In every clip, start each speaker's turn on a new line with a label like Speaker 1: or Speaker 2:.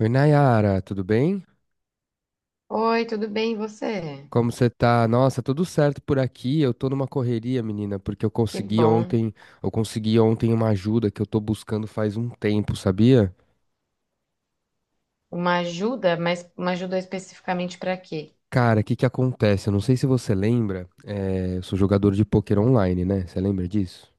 Speaker 1: Oi, Nayara, tudo bem?
Speaker 2: Oi, tudo bem, e você?
Speaker 1: Como você tá? Nossa, tudo certo por aqui. Eu tô numa correria, menina, porque
Speaker 2: Que bom.
Speaker 1: eu consegui ontem uma ajuda que eu tô buscando faz um tempo, sabia?
Speaker 2: Uma ajuda, mas uma ajuda especificamente para quê?
Speaker 1: Cara, o que que acontece? Eu não sei se você lembra, eu sou jogador de pôquer online, né? Você lembra disso?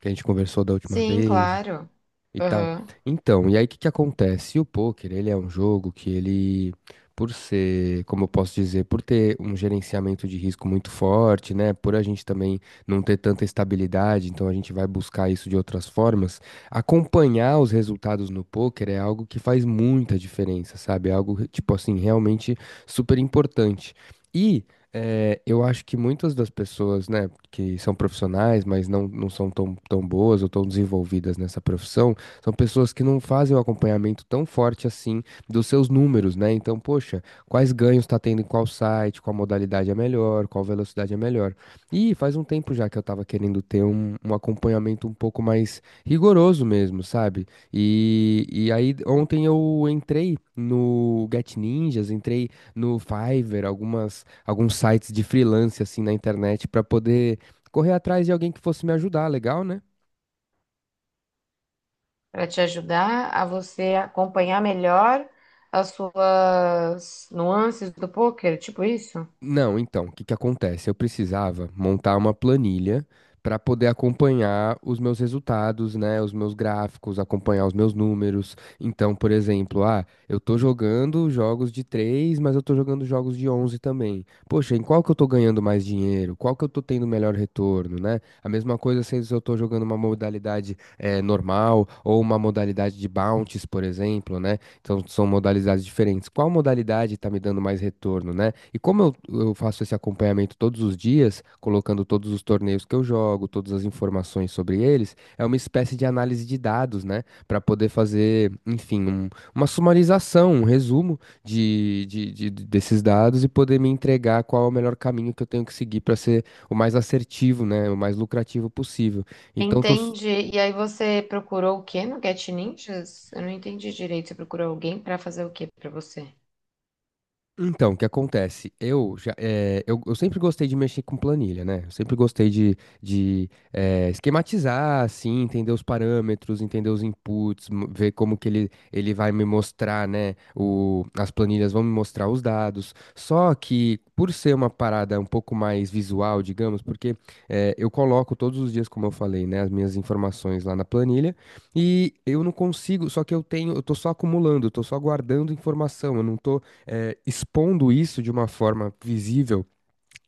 Speaker 1: Que a gente conversou da última
Speaker 2: Sim,
Speaker 1: vez.
Speaker 2: claro.
Speaker 1: E tal.
Speaker 2: Uhum.
Speaker 1: Então, e aí o que que acontece? O poker, ele é um jogo que ele, por ser, como eu posso dizer, por ter um gerenciamento de risco muito forte, né? Por a gente também não ter tanta estabilidade, então a gente vai buscar isso de outras formas. Acompanhar os resultados no poker é algo que faz muita diferença, sabe? É algo, tipo assim, realmente super importante. E eu acho que muitas das pessoas, né, que são profissionais, mas não são tão boas ou tão desenvolvidas nessa profissão, são pessoas que não fazem o acompanhamento tão forte assim dos seus números, né? Então, poxa, quais ganhos está tendo em qual site, qual modalidade é melhor, qual velocidade é melhor. E faz um tempo já que eu estava querendo ter um acompanhamento um pouco mais rigoroso mesmo, sabe? E aí ontem eu entrei no Get Ninjas, entrei no Fiverr, alguns sites de freelance assim na internet para poder correr atrás de alguém que fosse me ajudar, legal, né?
Speaker 2: Para te ajudar a você acompanhar melhor as suas nuances do poker, tipo isso?
Speaker 1: Não, então, o que que acontece? Eu precisava montar uma planilha para poder acompanhar os meus resultados, né, os meus gráficos, acompanhar os meus números. Então, por exemplo, ah, eu tô jogando jogos de 3, mas eu tô jogando jogos de 11 também. Poxa, em qual que eu tô ganhando mais dinheiro? Qual que eu tô tendo melhor retorno, né? A mesma coisa se eu tô jogando uma modalidade normal ou uma modalidade de bounties, por exemplo, né? Então, são modalidades diferentes. Qual modalidade está me dando mais retorno, né? E como eu faço esse acompanhamento todos os dias, colocando todos os torneios que eu jogo, todas as informações sobre eles, é uma espécie de análise de dados, né? Para poder fazer, enfim, uma sumarização, um resumo desses dados e poder me entregar qual é o melhor caminho que eu tenho que seguir para ser o mais assertivo, né? O mais lucrativo possível. Então, tô.
Speaker 2: Entendi. E aí você procurou o quê no Get Ninjas? Eu não entendi direito. Você procurou alguém para fazer o quê para você?
Speaker 1: Então, o que acontece? Eu já, eu sempre gostei de mexer com planilha, né? Eu sempre gostei de esquematizar, assim, entender os parâmetros, entender os inputs, ver como que ele vai me mostrar, né? O, as planilhas vão me mostrar os dados. Só que, por ser uma parada um pouco mais visual, digamos, porque eu coloco todos os dias, como eu falei, né? As minhas informações lá na planilha. E eu não consigo, só que eu tenho, eu tô só acumulando, eu tô só guardando informação, eu não tô expondo isso de uma forma visível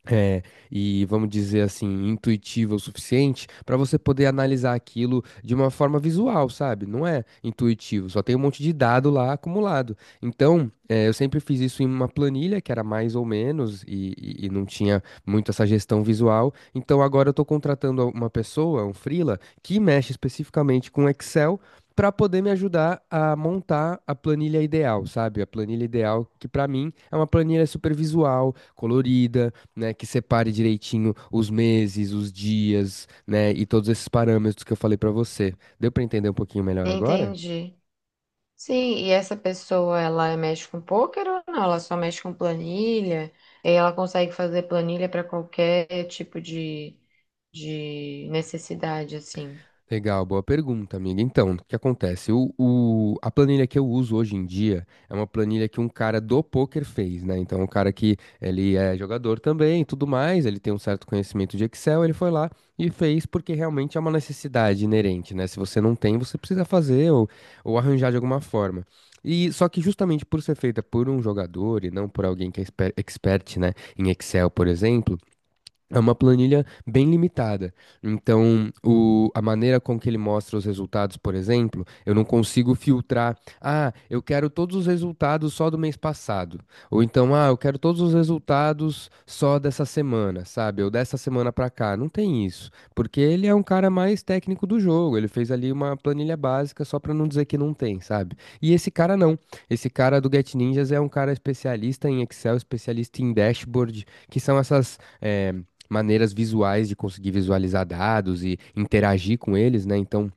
Speaker 1: é, e vamos dizer assim, intuitiva o suficiente para você poder analisar aquilo de uma forma visual, sabe? Não é intuitivo, só tem um monte de dado lá acumulado. Então, é, eu sempre fiz isso em uma planilha que era mais ou menos e não tinha muito essa gestão visual. Então, agora eu estou contratando uma pessoa, um freela, que mexe especificamente com Excel. Para poder me ajudar a montar a planilha ideal, sabe? A planilha ideal que para mim é uma planilha super visual, colorida, né, que separe direitinho os meses, os dias, né, e todos esses parâmetros que eu falei pra você. Deu pra entender um pouquinho melhor agora?
Speaker 2: Entendi. Sim, e essa pessoa, ela mexe com poker ou não? Ela só mexe com planilha? E ela consegue fazer planilha para qualquer tipo de necessidade, assim.
Speaker 1: Legal, boa pergunta, amiga. Então, o que acontece? A planilha que eu uso hoje em dia é uma planilha que um cara do poker fez, né? Então, um cara que ele é jogador também, e tudo mais, ele tem um certo conhecimento de Excel, ele foi lá e fez porque realmente é uma necessidade inerente, né? Se você não tem, você precisa fazer ou arranjar de alguma forma. E só que justamente por ser feita por um jogador e não por alguém que é expert, né, em Excel, por exemplo, é uma planilha bem limitada. Então, a maneira com que ele mostra os resultados, por exemplo, eu não consigo filtrar. Ah, eu quero todos os resultados só do mês passado. Ou então, ah, eu quero todos os resultados só dessa semana, sabe? Ou dessa semana pra cá. Não tem isso. Porque ele é um cara mais técnico do jogo. Ele fez ali uma planilha básica só pra não dizer que não tem, sabe? E esse cara não. Esse cara do Get Ninjas é um cara especialista em Excel, especialista em dashboard, que são essas maneiras visuais de conseguir visualizar dados e interagir com eles, né? Então,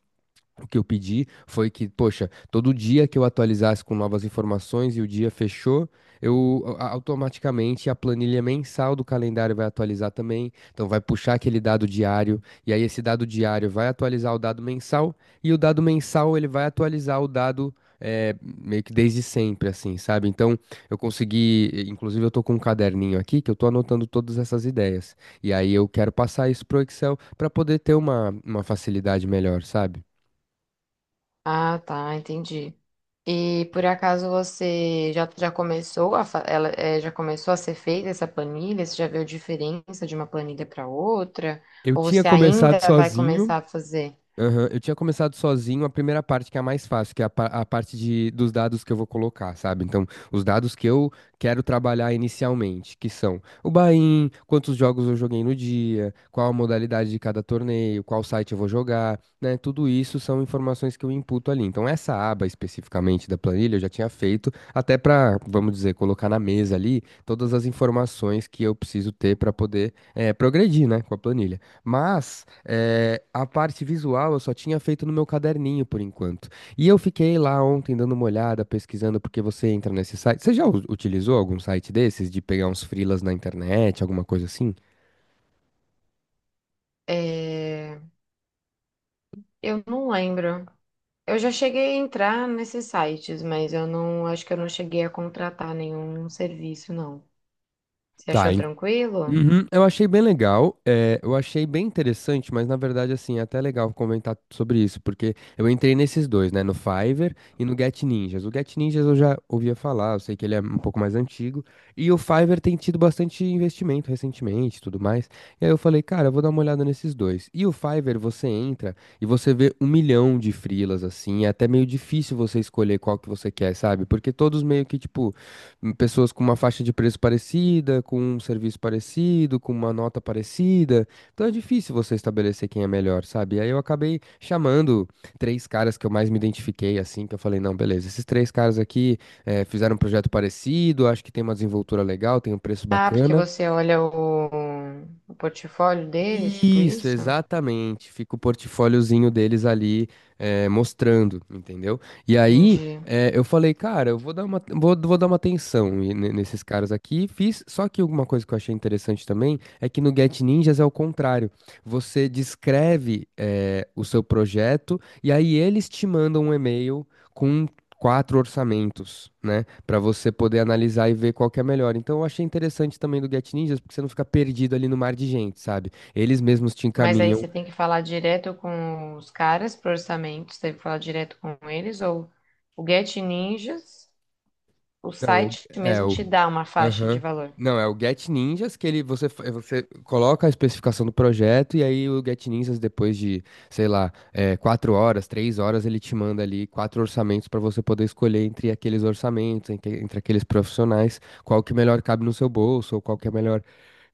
Speaker 1: o que eu pedi foi que, poxa, todo dia que eu atualizasse com novas informações e o dia fechou, eu automaticamente a planilha mensal do calendário vai atualizar também. Então vai puxar aquele dado diário e aí esse dado diário vai atualizar o dado mensal e o dado mensal ele vai atualizar o dado, meio que desde sempre, assim, sabe? Então eu consegui, inclusive eu tô com um caderninho aqui que eu tô anotando todas essas ideias. E aí eu quero passar isso pro Excel para poder ter uma facilidade melhor, sabe?
Speaker 2: Ah, tá, entendi. E por acaso você já, já começou a já começou a ser feita essa planilha? Você já viu a diferença de uma planilha para outra?
Speaker 1: Eu
Speaker 2: Ou
Speaker 1: tinha
Speaker 2: você
Speaker 1: começado
Speaker 2: ainda vai
Speaker 1: sozinho.
Speaker 2: começar a fazer?
Speaker 1: Aham, eu tinha começado sozinho a primeira parte, que é a mais fácil, que é a parte dos dados que eu vou colocar, sabe? Então, os dados que eu quero trabalhar inicialmente, que são o buy-in, quantos jogos eu joguei no dia, qual a modalidade de cada torneio, qual site eu vou jogar, né? Tudo isso são informações que eu imputo ali. Então, essa aba especificamente da planilha eu já tinha feito, até para, vamos dizer, colocar na mesa ali todas as informações que eu preciso ter para poder, progredir, né, com a planilha. Mas a parte visual eu só tinha feito no meu caderninho por enquanto. E eu fiquei lá ontem dando uma olhada, pesquisando, porque você entra nesse site. Você já utilizou algum site desses de pegar uns freelas na internet, alguma coisa assim?
Speaker 2: Eh, eu não lembro. Eu já cheguei a entrar nesses sites, mas eu não acho que eu não cheguei a contratar nenhum serviço, não. Você
Speaker 1: Tá.
Speaker 2: achou tranquilo?
Speaker 1: Uhum, eu achei bem legal, eu achei bem interessante, mas na verdade, assim, é até legal comentar sobre isso, porque eu entrei nesses dois, né, no Fiverr e no Get Ninjas. O Get Ninjas eu já ouvia falar, eu sei que ele é um pouco mais antigo, e o Fiverr tem tido bastante investimento recentemente e tudo mais. E aí eu falei, cara, eu vou dar uma olhada nesses dois. E o Fiverr você entra e você vê um milhão de freelas, assim, é até meio difícil você escolher qual que você quer, sabe? Porque todos meio que, tipo, pessoas com uma faixa de preço parecida, com um serviço parecido, com uma nota parecida. Então é difícil você estabelecer quem é melhor, sabe? E aí eu acabei chamando três caras que eu mais me identifiquei, assim, que eu falei, não, beleza, esses três caras aqui fizeram um projeto parecido, acho que tem uma desenvoltura legal, tem um preço
Speaker 2: Ah, porque
Speaker 1: bacana.
Speaker 2: você olha o portfólio deles, tipo
Speaker 1: Isso,
Speaker 2: isso?
Speaker 1: exatamente. Fica o portfóliozinho deles ali mostrando, entendeu? E aí
Speaker 2: Entendi.
Speaker 1: eu falei, cara, eu vou dar uma, vou dar uma atenção e nesses caras aqui. Fiz, só que uma coisa que eu achei interessante também é que no Get Ninjas é o contrário. Você descreve o seu projeto e aí eles te mandam um e-mail com quatro orçamentos, né, para você poder analisar e ver qual que é melhor. Então eu achei interessante também do Get Ninjas porque você não fica perdido ali no mar de gente, sabe? Eles mesmos te
Speaker 2: Mas aí
Speaker 1: encaminham.
Speaker 2: você tem que falar direto com os caras pro orçamento, você tem que falar direto com eles, ou o Get Ninjas, o
Speaker 1: Não, o-
Speaker 2: site
Speaker 1: é
Speaker 2: mesmo
Speaker 1: o.
Speaker 2: te dá uma faixa de
Speaker 1: Aham.
Speaker 2: valor.
Speaker 1: Não, é o Get Ninjas que ele você, é, você coloca a especificação do projeto e aí o Get Ninjas, depois de, sei lá, é, 4 horas, 3 horas, ele te manda ali quatro orçamentos para você poder escolher entre aqueles orçamentos, entre aqueles profissionais, qual que melhor cabe no seu bolso, ou qual que é melhor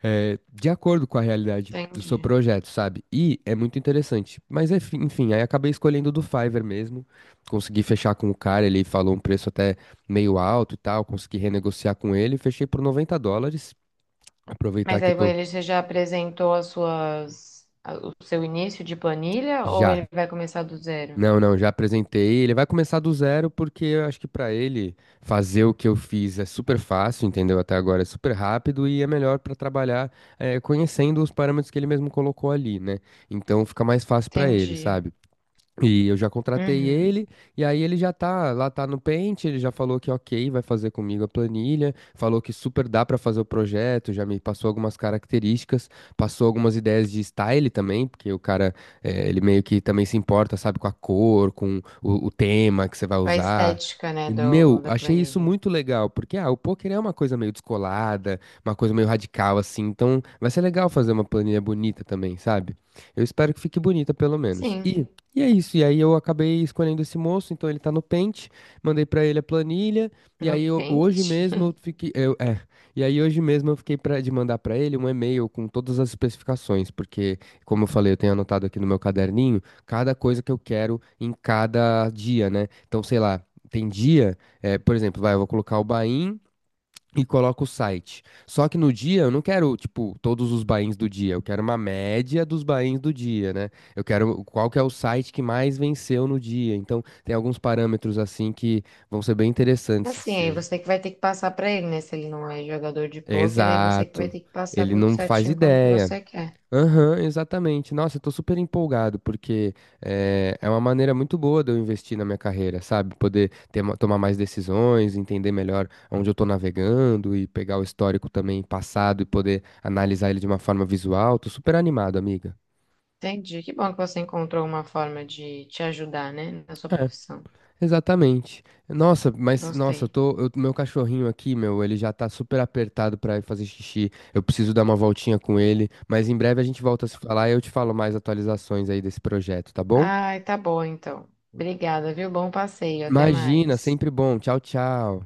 Speaker 1: é, de acordo com a realidade do seu
Speaker 2: Entendi.
Speaker 1: projeto, sabe? E é muito interessante. Mas enfim, aí acabei escolhendo o do Fiverr mesmo. Consegui fechar com o cara, ele falou um preço até meio alto e tal. Consegui renegociar com ele, fechei por US$ 90. Aproveitar
Speaker 2: Mas
Speaker 1: que
Speaker 2: aí
Speaker 1: eu tô.
Speaker 2: ele você já apresentou as suas, o seu início de planilha ou
Speaker 1: Já.
Speaker 2: ele vai começar do zero?
Speaker 1: Não, não, já apresentei. Ele vai começar do zero porque eu acho que pra ele fazer o que eu fiz é super fácil, entendeu? Até agora é super rápido e é melhor pra trabalhar conhecendo os parâmetros que ele mesmo colocou ali, né? Então fica mais fácil pra ele,
Speaker 2: Entendi.
Speaker 1: sabe? E eu já contratei
Speaker 2: Uhum.
Speaker 1: ele, e aí ele já tá, lá tá no Paint, ele já falou que ok, vai fazer comigo a planilha, falou que super dá pra fazer o projeto, já me passou algumas características, passou algumas ideias de style também, porque o cara, ele meio que também se importa, sabe, com a cor, com o tema que você vai
Speaker 2: A
Speaker 1: usar.
Speaker 2: estética, né,
Speaker 1: E, meu,
Speaker 2: da
Speaker 1: achei isso
Speaker 2: planilha.
Speaker 1: muito legal, porque ah, o poker é uma coisa meio descolada, uma coisa meio radical assim, então vai ser legal fazer uma planilha bonita também, sabe? Eu espero que fique bonita pelo menos.
Speaker 2: Sim,
Speaker 1: E é isso, e aí eu acabei escolhendo esse moço, então ele tá no Paint, mandei pra ele a planilha,
Speaker 2: no Paint.
Speaker 1: hoje mesmo eu fiquei, eu- é, e aí hoje mesmo eu fiquei pra, de mandar pra ele um e-mail com todas as especificações, porque, como eu falei, eu tenho anotado aqui no meu caderninho cada coisa que eu quero em cada dia, né? Então, sei lá, tem dia, é, por exemplo, vai, eu vou colocar o Bahia e coloco o site. Só que no dia eu não quero, tipo, todos os buy-ins do dia, eu quero uma média dos buy-ins do dia, né? Eu quero qual que é o site que mais venceu no dia. Então, tem alguns parâmetros assim que vão ser bem interessantes de
Speaker 2: Assim, aí
Speaker 1: se...
Speaker 2: você que vai ter que passar pra ele, né? Se ele não é jogador de pôquer, aí você que vai
Speaker 1: Exato.
Speaker 2: ter que passar
Speaker 1: Ele
Speaker 2: tudo
Speaker 1: não faz
Speaker 2: certinho como que
Speaker 1: ideia.
Speaker 2: você quer.
Speaker 1: Aham, exatamente. Nossa, eu tô super empolgado, porque uma maneira muito boa de eu investir na minha carreira, sabe? Poder ter, tomar mais decisões, entender melhor onde eu tô navegando e pegar o histórico também passado e poder analisar ele de uma forma visual. Tô super animado, amiga.
Speaker 2: Entendi. Que bom que você encontrou uma forma de te ajudar, né, na sua
Speaker 1: É,
Speaker 2: profissão.
Speaker 1: exatamente. Nossa, mas nossa,
Speaker 2: Gostei.
Speaker 1: meu cachorrinho aqui, meu, ele já tá super apertado pra ir fazer xixi. Eu preciso dar uma voltinha com ele, mas em breve a gente volta a se falar e eu te falo mais atualizações aí desse projeto, tá bom?
Speaker 2: Ai, tá bom então. Obrigada, viu? Bom passeio. Até
Speaker 1: Imagina,
Speaker 2: mais.
Speaker 1: sempre bom. Tchau, tchau.